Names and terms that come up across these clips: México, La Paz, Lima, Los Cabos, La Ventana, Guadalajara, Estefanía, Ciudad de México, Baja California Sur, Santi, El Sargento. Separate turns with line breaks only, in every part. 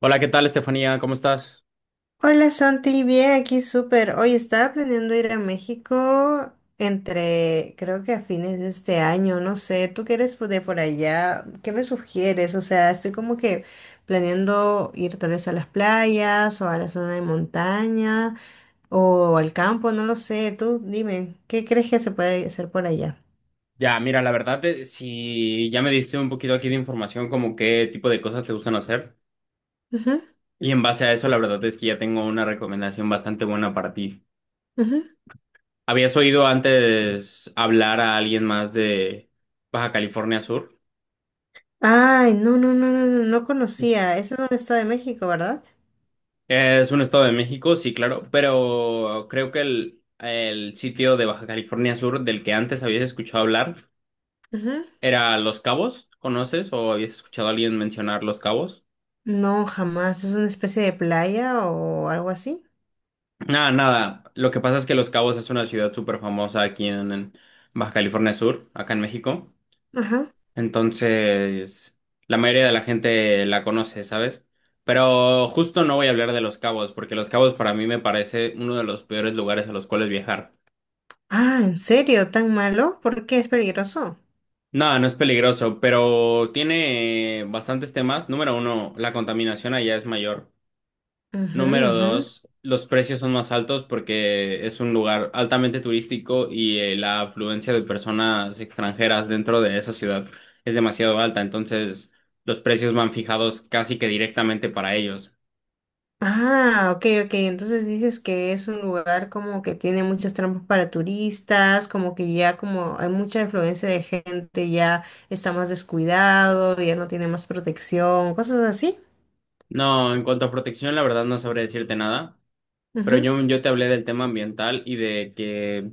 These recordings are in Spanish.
Hola, ¿qué tal, Estefanía? ¿Cómo estás?
Hola Santi, bien, aquí súper. Hoy estaba planeando ir a México entre, creo que a fines de este año, no sé, tú que eres de por allá, ¿qué me sugieres? O sea, estoy como que planeando ir tal vez a las playas o a la zona de montaña o al campo, no lo sé, tú dime, ¿qué crees que se puede hacer por allá?
Ya, mira, la verdad, si ya me diste un poquito aquí de información como qué tipo de cosas te gustan hacer,
Ujú,
y en base a eso, la verdad es que ya tengo una recomendación bastante buena para ti.
ujú.
¿Habías oído antes hablar a alguien más de Baja California Sur?
Ay, no, no, no, no, no, no conocía, eso es un estado de México, ¿verdad?
Es un estado de México, sí, claro, pero creo que el sitio de Baja California Sur del que antes habías escuchado hablar era Los Cabos. ¿Conoces o habías escuchado a alguien mencionar Los Cabos?
No, jamás. ¿Es una especie de playa o algo así?
Nada, nada. Lo que pasa es que Los Cabos es una ciudad súper famosa aquí en Baja California Sur, acá en México.
Ajá.
Entonces, la mayoría de la gente la conoce, ¿sabes? Pero justo no voy a hablar de Los Cabos, porque Los Cabos para mí me parece uno de los peores lugares a los cuales viajar.
Ah, ¿en serio? ¿Tan malo? ¿Por qué es peligroso?
No, no es peligroso, pero tiene bastantes temas. Número uno, la contaminación allá es mayor.
Ujú,
Número
ujú.
dos, los precios son más altos porque es un lugar altamente turístico y la afluencia de personas extranjeras dentro de esa ciudad es demasiado alta, entonces los precios van fijados casi que directamente para ellos.
Ah, ok, ok. Entonces dices que es un lugar como que tiene muchas trampas para turistas, como que ya como hay mucha influencia de gente, ya está más descuidado, ya no tiene más protección, cosas así.
No, en cuanto a protección, la verdad no sabré decirte nada, pero
Ujú,
yo te hablé del tema ambiental y de que,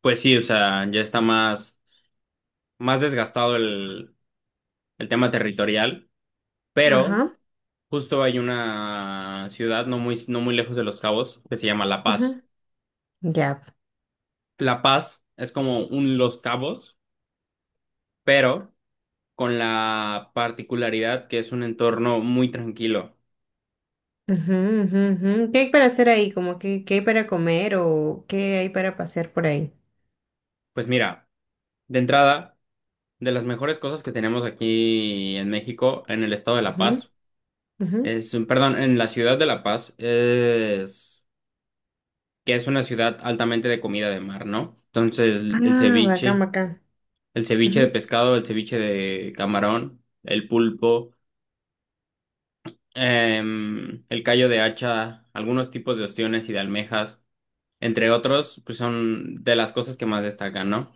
pues sí, o sea, ya está más, más desgastado el tema territorial, pero...
ajá,
Justo hay una ciudad no muy, no muy lejos de Los Cabos que se llama La Paz.
ujú. Ya.
La Paz es como un Los Cabos, pero con la particularidad que es un entorno muy tranquilo.
Ujú, ujú, ujú. ¿Qué hay para hacer ahí? Como que, ¿qué hay para comer o qué hay para pasear por ahí?
Pues mira, de entrada, de las mejores cosas que tenemos aquí en México, en el estado de La
Ujú,
Paz,
ujú.
es, perdón, en la ciudad de La Paz, es que es una ciudad altamente de comida de mar, ¿no? Entonces,
Ah, bacán, bacán.
el ceviche de
Ujú.
pescado, el ceviche de camarón, el pulpo. El callo de hacha, algunos tipos de ostiones y de almejas, entre otros, pues son de las cosas que más destacan, ¿no?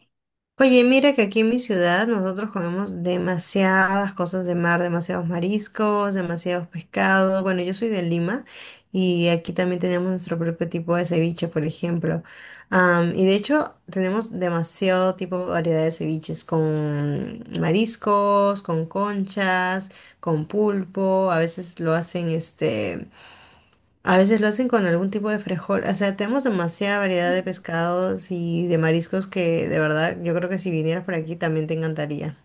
Oye, mira que aquí en mi ciudad nosotros comemos demasiadas cosas de mar, demasiados mariscos, demasiados pescados. Bueno, yo soy de Lima y aquí también tenemos nuestro propio tipo de ceviche, por ejemplo. Y de hecho tenemos demasiado tipo de variedad de ceviches con mariscos, con conchas, con pulpo. A veces lo hacen con algún tipo de frijol. O sea, tenemos demasiada variedad de pescados y de mariscos que de verdad yo creo que si vinieras por aquí también te encantaría.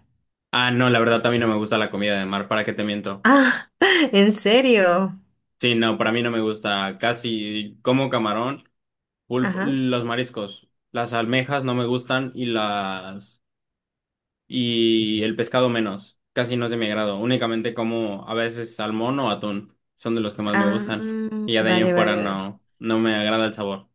Ah, no, la verdad también no me gusta la comida de mar, ¿para qué te miento?
Ah, ¿en serio?
Sí, no, para mí no me gusta casi, como camarón, pulpo,
Ajá.
los mariscos, las almejas no me gustan y las y el pescado menos, casi no es de mi agrado, únicamente como a veces salmón o atún, son de los que más me
Ah,
gustan y ya de ahí en
vale,
fuera
vale, vale.
no, no me agrada el sabor.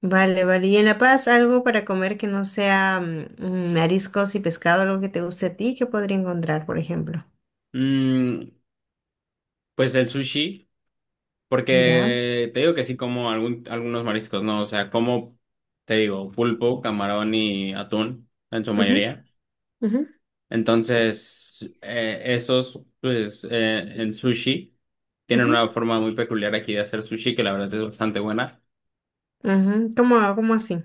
Vale, vale. ¿Y en La Paz algo para comer que no sea mariscos y pescado, algo que te guste a ti, que podría encontrar, por ejemplo?
Mm, Pues el sushi,
Ya.
porque te digo que sí como algunos mariscos, ¿no? O sea, como, te digo, pulpo, camarón y atún en su
Ujú,
mayoría.
ujú,
Entonces, esos, pues, en sushi, tienen
ujú,
una
ujú.
forma muy peculiar aquí de hacer sushi que la verdad es bastante buena.
¿Cómo, cómo así?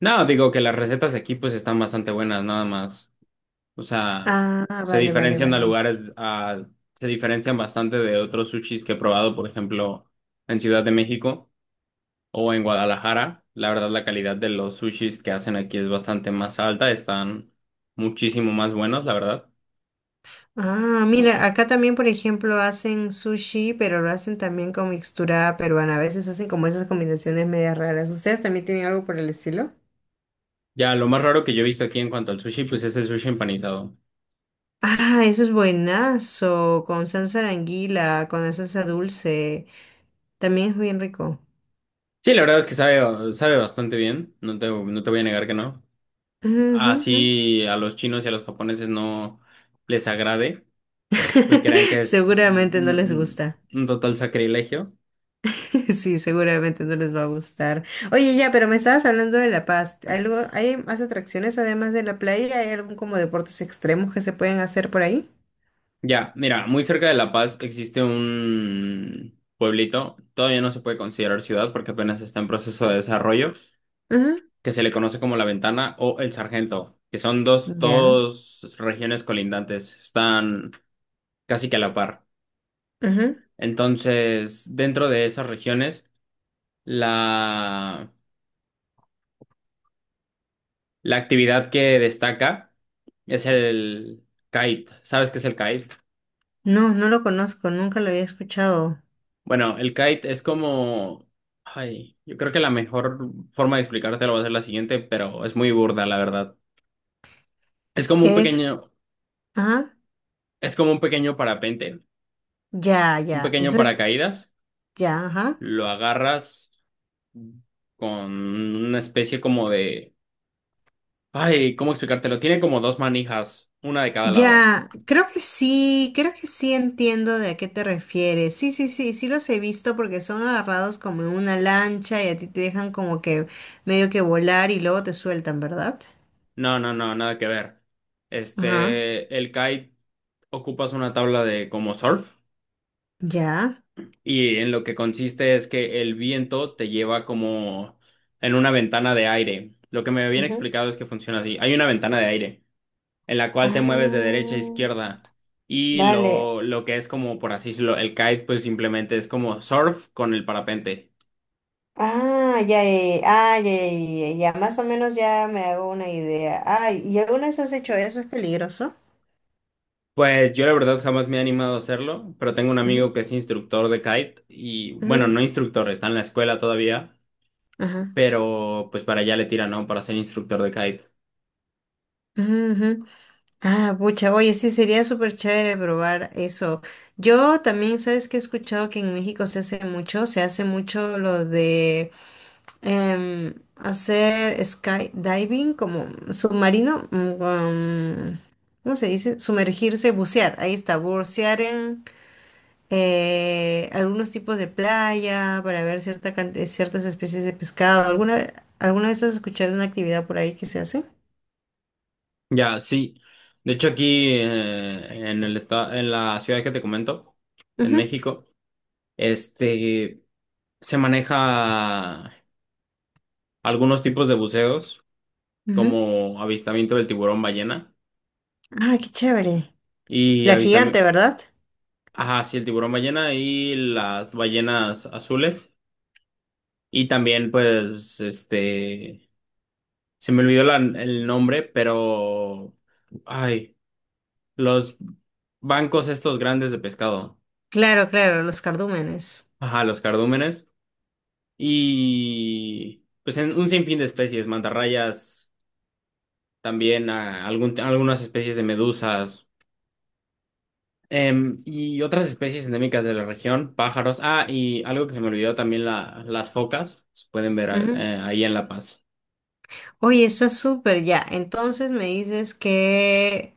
No, digo que las recetas aquí pues están bastante buenas, nada más. O sea,
Ah,
se
vale, vale,
diferencian a
vale.
se diferencian bastante de otros sushis que he probado, por ejemplo, en Ciudad de México o en Guadalajara. La verdad, la calidad de los sushis que hacen aquí es bastante más alta, están muchísimo más buenos, la verdad.
Ah, mira, acá también, por ejemplo, hacen sushi, pero lo hacen también con mixtura peruana. A veces hacen como esas combinaciones medias raras. ¿Ustedes también tienen algo por el estilo?
Ya, lo más raro que yo he visto aquí en cuanto al sushi, pues es el sushi empanizado.
Ah, eso es buenazo, con salsa de anguila, con la salsa dulce. También es bien rico.
Sí, la verdad es que sabe bastante bien, no te voy a negar que no.
Ujú, ujú.
Así a los chinos y a los japoneses no les agrade, pues crean que es
Seguramente no les gusta.
mm, un total sacrilegio.
Sí, seguramente no les va a gustar. Oye, ya, pero me estabas hablando de La Paz. ¿Algo, hay más atracciones además de la playa? ¿Hay algún como deportes extremos que se pueden hacer por ahí?
Ya, mira, muy cerca de La Paz existe un pueblito, todavía no se puede considerar ciudad porque apenas está en proceso de desarrollo, que se le conoce como La Ventana o El Sargento, que son dos,
Ya.
dos regiones colindantes, están casi que a la par.
Ujú.
Entonces, dentro de esas regiones, la, la actividad que destaca es el kite. ¿Sabes qué es el kite?
No, no lo conozco, nunca lo había escuchado.
Bueno, el kite es como... Ay, yo creo que la mejor forma de explicártelo va a ser la siguiente, pero es muy burda, la verdad. Es como un
Es,
pequeño,
ajá,
es como un pequeño parapente,
ya,
un
ya.
pequeño
Entonces,
paracaídas.
ya, ajá.
Lo agarras con una especie como de... Ay, ¿cómo explicártelo? Tiene como dos manijas, una de cada lado.
Ya, creo que sí entiendo de a qué te refieres. Sí, sí, sí, sí los he visto porque son agarrados como en una lancha y a ti te dejan como que medio que volar y luego te sueltan, ¿verdad?
No, no, no, nada que ver.
Ajá,
Este, el kite ocupas una tabla de como surf.
ya.
Y en lo que consiste es que el viento te lleva como en una ventana de aire. Lo que me habían
Ujú.
explicado es que funciona así. Hay una ventana de aire en la cual te mueves de derecha a
Ah,
izquierda. Y
vale.
lo que es como, por así decirlo, el kite, pues simplemente es como surf con el parapente.
Ah, ya, ya, ya, ah, ya, ya, ya, ya, más o menos ya me hago una idea. Ay, ¿y alguna vez has hecho eso? ¿Es peligroso?
Pues yo la verdad jamás me he animado a hacerlo, pero tengo un
Ujú,
amigo que es instructor de kite y bueno, no
ujú,
instructor, está en la escuela todavía,
ajá,
pero pues para allá le tira, ¿no? Para ser instructor de kite.
ujú, ujú. Ah, pucha, oye, sí, sería súper chévere probar eso. Yo también, ¿sabes que he escuchado que en México se hace mucho lo de hacer skydiving como submarino, um, ¿cómo se dice? Sumergirse, bucear, ahí está, bucear en algunos tipos de playa para ver cierta ciertas especies de pescado. ¿Alguna, alguna vez has escuchado una actividad por ahí que se hace?
Ya, sí. De hecho, aquí en el estado, en la ciudad que te comento, en
Ujú,
México, este se maneja algunos tipos de buceos,
ujú.
como avistamiento del tiburón ballena
Ah, qué chévere.
y
La gigante,
avistamiento,
¿verdad?
ajá, sí, el tiburón ballena y las ballenas azules. Y también, pues, este, se me olvidó el nombre, pero, ay, los bancos estos grandes de pescado,
Claro, claro, los cardúmenes.
ajá, los cardúmenes. Y pues en un sinfín de especies, mantarrayas, también a algunas especies de medusas, y otras especies endémicas de la región, pájaros. Ah, y algo que se me olvidó también, las focas, se pueden ver
Ujú.
ahí en La Paz.
Oye, está súper ya. Entonces me dices que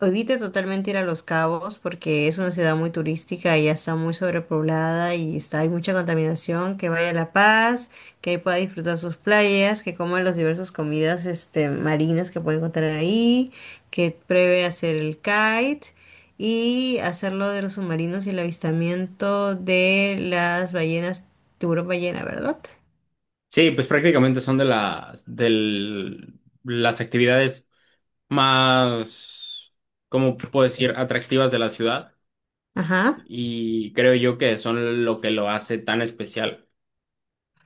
evite totalmente ir a Los Cabos porque es una ciudad muy turística y ya está muy sobrepoblada y está, hay mucha contaminación. Que vaya a La Paz, que ahí pueda disfrutar sus playas, que coma las diversas comidas este, marinas que puede encontrar ahí, que pruebe hacer el kite y hacer lo de los submarinos y el avistamiento de las ballenas, tiburón ballena, ¿verdad?
Sí, pues prácticamente son de las actividades más, ¿cómo puedo decir?, atractivas de la ciudad
Ajá,
y creo yo que son lo que lo hace tan especial.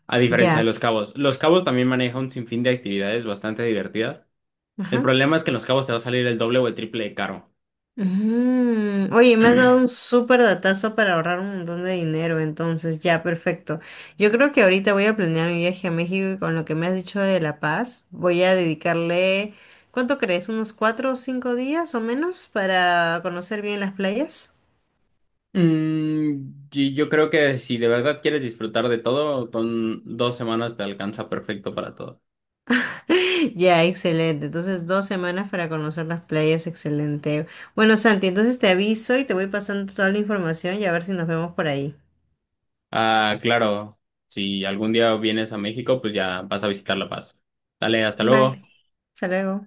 A diferencia de
ya,
los cabos también maneja un sinfín de actividades bastante divertidas. El
ajá.
problema es que en los cabos te va a salir el doble o el triple de caro.
Mm, oye, me has dado un súper datazo para ahorrar un montón de dinero, entonces ya, perfecto. Yo creo que ahorita voy a planear mi viaje a México y con lo que me has dicho de La Paz, voy a dedicarle, ¿cuánto crees? ¿Unos 4 o 5 días o menos para conocer bien las playas?
Y yo creo que si de verdad quieres disfrutar de todo, con 2 semanas te alcanza perfecto para todo.
Ya, excelente. Entonces, 2 semanas para conocer las playas, excelente. Bueno, Santi, entonces te aviso y te voy pasando toda la información y a ver si nos vemos por ahí.
Ah, claro, si algún día vienes a México, pues ya vas a visitar La Paz. Dale, hasta luego.
Vale, hasta luego.